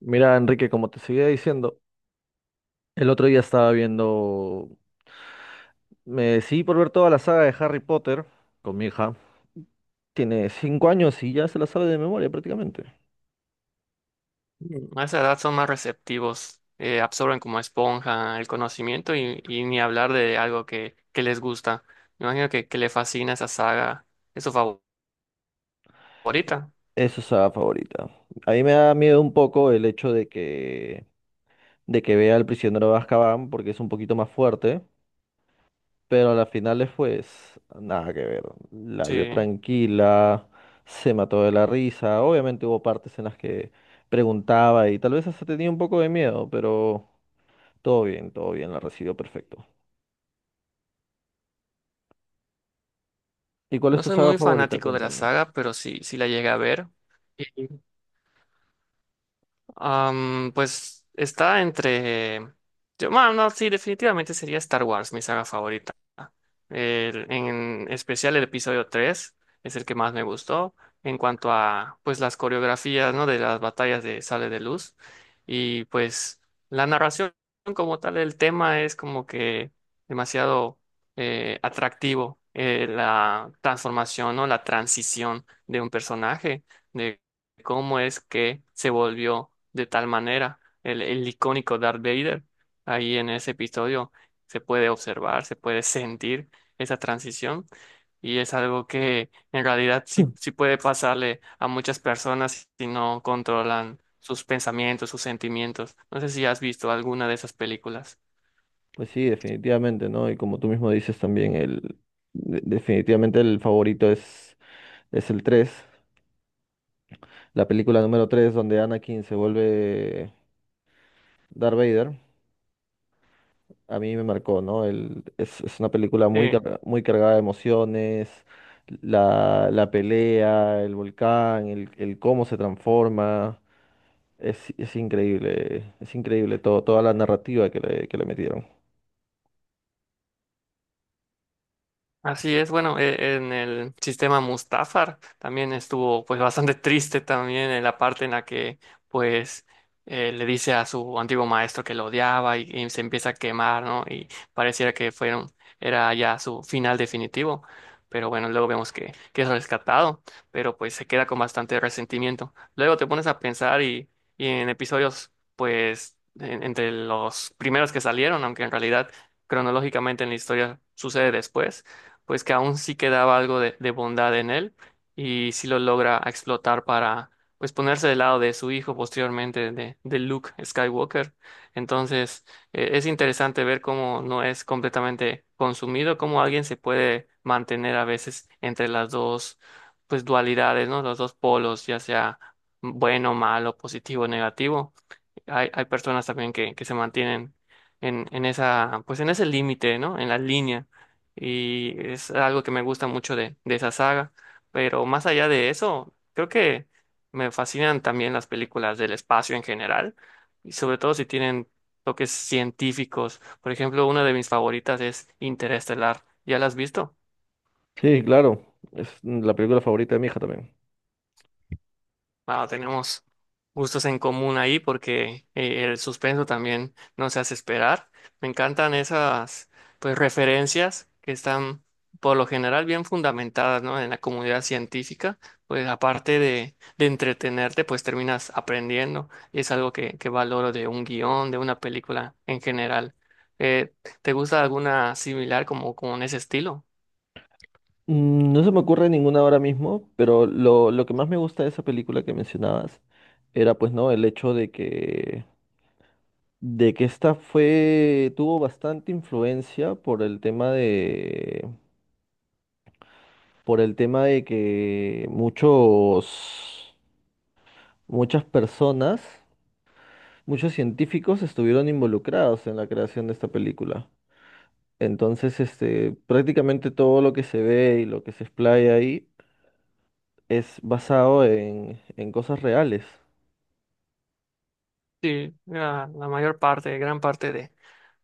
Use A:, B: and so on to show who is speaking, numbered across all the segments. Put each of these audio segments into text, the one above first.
A: Mira, Enrique, como te seguía diciendo, el otro día estaba viendo, me decidí por ver toda la saga de Harry Potter con mi hija. Tiene 5 años y ya se la sabe de memoria prácticamente.
B: A esa edad son más receptivos, absorben como esponja el conocimiento y ni hablar de algo que les gusta. Me imagino que le fascina esa saga, es su favorita.
A: Es su saga favorita. A mí me da miedo un poco el hecho de que vea al prisionero de Azkaban porque es un poquito más fuerte, pero a las finales pues nada que ver. La
B: Sí,
A: vio tranquila, se mató de la risa. Obviamente hubo partes en las que preguntaba y tal vez hasta tenía un poco de miedo, pero. Todo bien, la recibió perfecto. ¿Y cuál es
B: no
A: tu
B: soy
A: saga
B: muy
A: favorita?
B: fanático de la
A: Cuéntame.
B: saga, pero sí, sí la llegué a ver. Pues está entre. Yo, no, sí, definitivamente sería Star Wars, mi saga favorita. En especial el episodio 3 es el que más me gustó en cuanto a pues las coreografías, ¿no? De las batallas de Sale de Luz. Y pues la narración como tal, el tema es como que demasiado atractivo. La transformación, ¿no? La transición de un personaje cómo es que se volvió de tal manera el icónico Darth Vader. Ahí en ese episodio se puede observar, se puede sentir esa transición y es algo que en realidad sí, sí puede pasarle a muchas personas si no controlan sus pensamientos, sus sentimientos. No sé si has visto alguna de esas películas.
A: Pues sí, definitivamente, ¿no? Y como tú mismo dices también, definitivamente el favorito es el 3, la película número 3 donde Anakin se vuelve Darth Vader. A mí me marcó, ¿no? Es una película muy,
B: Sí.
A: muy cargada de emociones, la pelea, el volcán, el cómo se transforma. Es increíble, es increíble todo, toda la narrativa que le metieron.
B: Así es, bueno, en el sistema Mustafar también estuvo pues bastante triste también en la parte en la que pues le dice a su antiguo maestro que lo odiaba y se empieza a quemar, ¿no? Y pareciera que fueron, era ya su final definitivo, pero bueno, luego vemos que es rescatado, pero pues se queda con bastante resentimiento. Luego te pones a pensar y en episodios pues entre los primeros que salieron, aunque en realidad cronológicamente en la historia sucede después pues que aún sí quedaba algo de bondad en él y sí lo logra explotar para pues ponerse del lado de su hijo posteriormente de Luke Skywalker. Entonces es interesante ver cómo no es completamente consumido, cómo alguien se puede mantener a veces entre las dos pues dualidades, ¿no? Los dos polos, ya sea bueno, malo, positivo, negativo. Hay personas también que se mantienen en esa, pues en ese límite, ¿no? En la línea. Y es algo que me gusta mucho de esa saga. Pero más allá de eso, creo que me fascinan también las películas del espacio en general. Y sobre todo si tienen toques científicos. Por ejemplo, una de mis favoritas es Interestelar. ¿Ya la has visto?
A: Sí, claro. Es la película favorita de mi hija también.
B: Wow, tenemos gustos en común ahí porque el suspenso también nos hace esperar. Me encantan esas pues referencias que están por lo general bien fundamentadas, ¿no? En la comunidad científica, pues aparte de entretenerte, pues terminas aprendiendo y es algo que valoro de un guión, de una película en general. Eh, ¿Te gusta alguna similar como, como en ese estilo?
A: No se me ocurre ninguna ahora mismo, pero lo que más me gusta de esa película que mencionabas era pues no, el hecho de que esta fue tuvo bastante influencia por el tema de que muchos muchas personas, muchos científicos estuvieron involucrados en la creación de esta película. Entonces, este, prácticamente todo lo que se ve y lo que se explaya ahí es basado en cosas reales.
B: Sí, la mayor parte, gran parte de,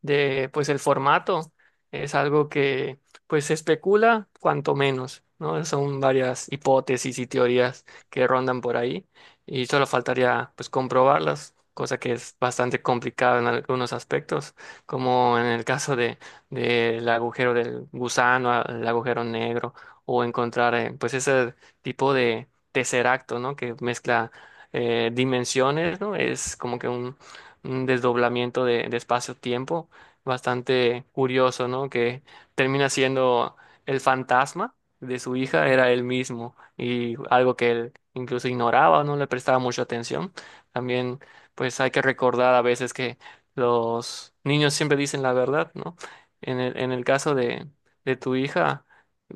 B: de pues el formato es algo que pues se especula cuanto menos, ¿no? Son varias hipótesis y teorías que rondan por ahí y solo faltaría pues comprobarlas, cosa que es bastante complicada en algunos aspectos, como en el caso de del agujero del gusano, el agujero negro o encontrar pues ese tipo de tesseracto, ¿no? Que mezcla dimensiones, ¿no? Es como que un desdoblamiento de espacio-tiempo bastante curioso, ¿no? Que termina siendo el fantasma de su hija, era él mismo, y algo que él incluso ignoraba, no le prestaba mucha atención. También, pues hay que recordar a veces que los niños siempre dicen la verdad, ¿no? En el caso de tu hija,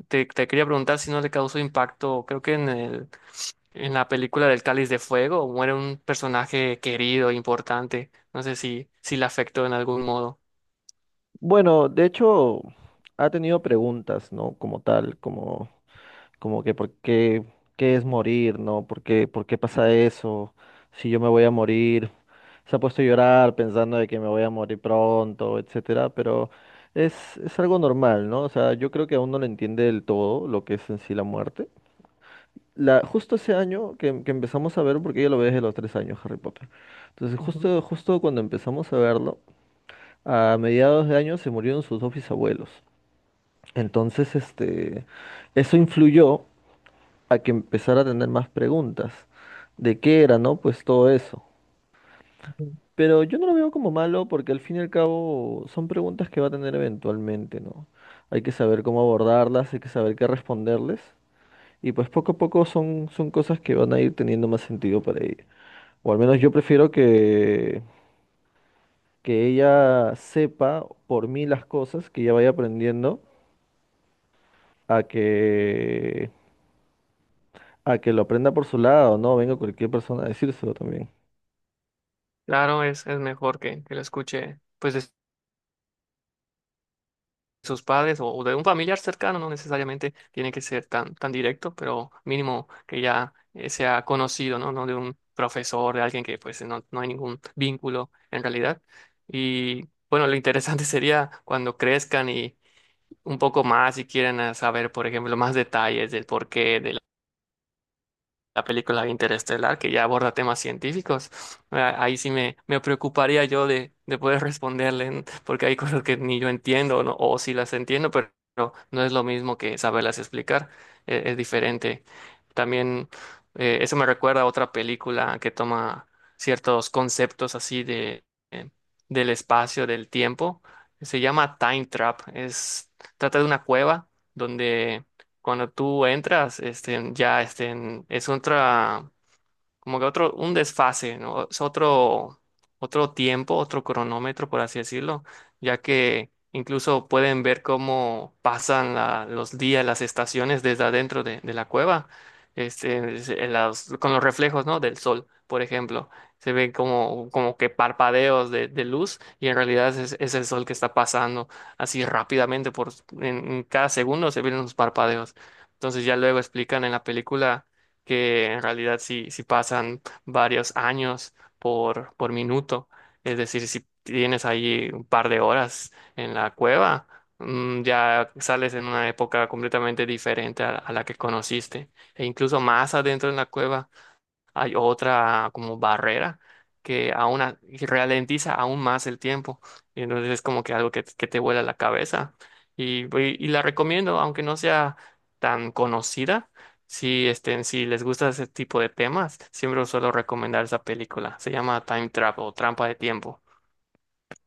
B: te quería preguntar si no le causó impacto, creo que en el en la película del Cáliz de Fuego muere un personaje querido, importante. No sé si, si le afectó en algún modo.
A: Bueno, de hecho, ha tenido preguntas, ¿no? Como tal, como que por qué, qué es morir, ¿no? ¿Por qué pasa eso? Si yo me voy a morir. Se ha puesto a llorar pensando de que me voy a morir pronto, etcétera, pero es algo normal, ¿no? O sea, yo creo que aún no lo entiende del todo lo que es en sí la muerte. Justo ese año que empezamos a ver, porque yo lo veo desde los 3 años, Harry Potter. Entonces,
B: Ujú,
A: justo cuando empezamos a verlo, a mediados de año se murieron sus dos bisabuelos. Entonces, este, eso influyó a que empezara a tener más preguntas de qué era, ¿no? Pues todo eso.
B: ujú.
A: Pero yo no lo veo como malo porque al fin y al cabo son preguntas que va a tener eventualmente, ¿no? Hay que saber cómo abordarlas, hay que saber qué responderles. Y pues poco a poco son, cosas que van a ir teniendo más sentido para ella. O al menos yo prefiero que ella sepa por mí las cosas, que ella vaya aprendiendo a que, a que lo aprenda por su lado, ¿no? Venga cualquier persona a decírselo también.
B: Claro, es mejor que lo escuche pues de sus padres o de un familiar cercano, no necesariamente tiene que ser tan directo, pero mínimo que ya sea conocido, ¿no? No de un profesor, de alguien que pues no, no hay ningún vínculo en realidad. Y bueno, lo interesante sería cuando crezcan y un poco más y quieran saber, por ejemplo, más detalles del porqué, de la película Interestelar, que ya aborda temas científicos. Ahí sí me, preocuparía yo de poder responderle, porque hay cosas que ni yo entiendo, ¿no? O sí las entiendo, pero no, no es lo mismo que saberlas explicar, es, diferente. También eso me recuerda a otra película que toma ciertos conceptos así de, eh, del espacio, del tiempo. Se llama Time Trap. Trata de una cueva donde cuando tú entras, es otra como que otro, un desfase, ¿no? Otro tiempo, otro cronómetro, por así decirlo, ya que incluso pueden ver cómo pasan los días, las estaciones desde adentro de la cueva, en con los reflejos, ¿no? Del sol, por ejemplo. Se ven como que parpadeos de luz y en realidad es el sol que está pasando así rápidamente por en cada segundo se ven unos parpadeos. Entonces ya luego explican en la película que en realidad si si pasan varios años por minuto. Es decir, si tienes ahí un par de horas en la cueva, ya sales en una época completamente diferente a la que conociste. E incluso más adentro en la cueva hay otra como barrera que aún que ralentiza aún más el tiempo. Y entonces es como que algo que te vuela la cabeza. Y la recomiendo, aunque no sea tan conocida, si les gusta ese tipo de temas, siempre os suelo recomendar esa película. Se llama Time Trap o Trampa de Tiempo.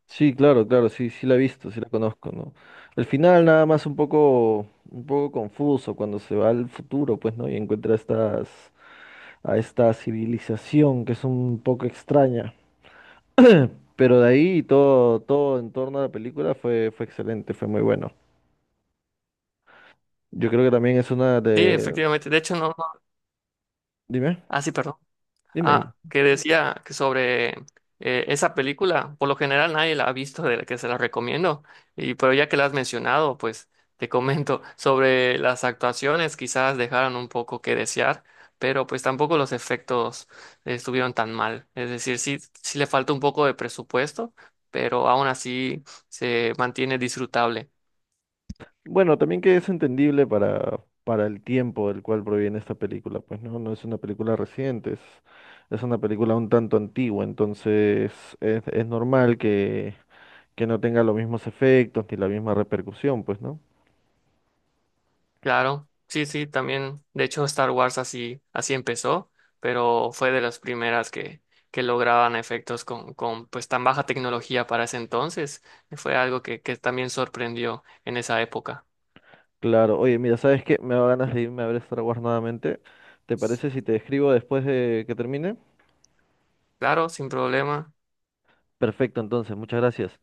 A: Sí, claro, claro, sí, sí la he visto, sí la conozco, ¿no? El final nada más un poco confuso cuando se va al futuro, pues, ¿no? Y encuentra a esta civilización que es un poco extraña. Pero de ahí todo en torno a la película fue excelente, fue muy bueno. Yo creo que también es una
B: Sí,
A: de...
B: efectivamente. De hecho, no, no.
A: Dime,
B: Ah, sí, perdón.
A: dime.
B: Ah, que decía que sobre esa película, por lo general nadie la ha visto de la que se la recomiendo, y pero ya que la has mencionado, pues te comento sobre las actuaciones, quizás dejaron un poco que desear, pero pues tampoco los efectos estuvieron tan mal. Es decir, sí, sí le falta un poco de presupuesto, pero aún así se mantiene disfrutable.
A: Bueno, también que es entendible para el tiempo del cual proviene esta película, pues no, no es una película reciente, es una película un tanto antigua, entonces es normal que no tenga los mismos efectos ni la misma repercusión, pues no.
B: Claro, sí, sí, también. De hecho, Star Wars así, así empezó, pero fue de las primeras que lograban efectos con pues tan baja tecnología para ese entonces. Fue algo que también sorprendió en esa época.
A: Claro, oye, mira, ¿sabes qué? Me da ganas de irme a ver Star Wars nuevamente. ¿Te parece si te escribo después de que termine?
B: Claro, sin problema.
A: Perfecto, entonces, muchas gracias.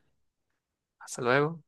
B: Hasta luego.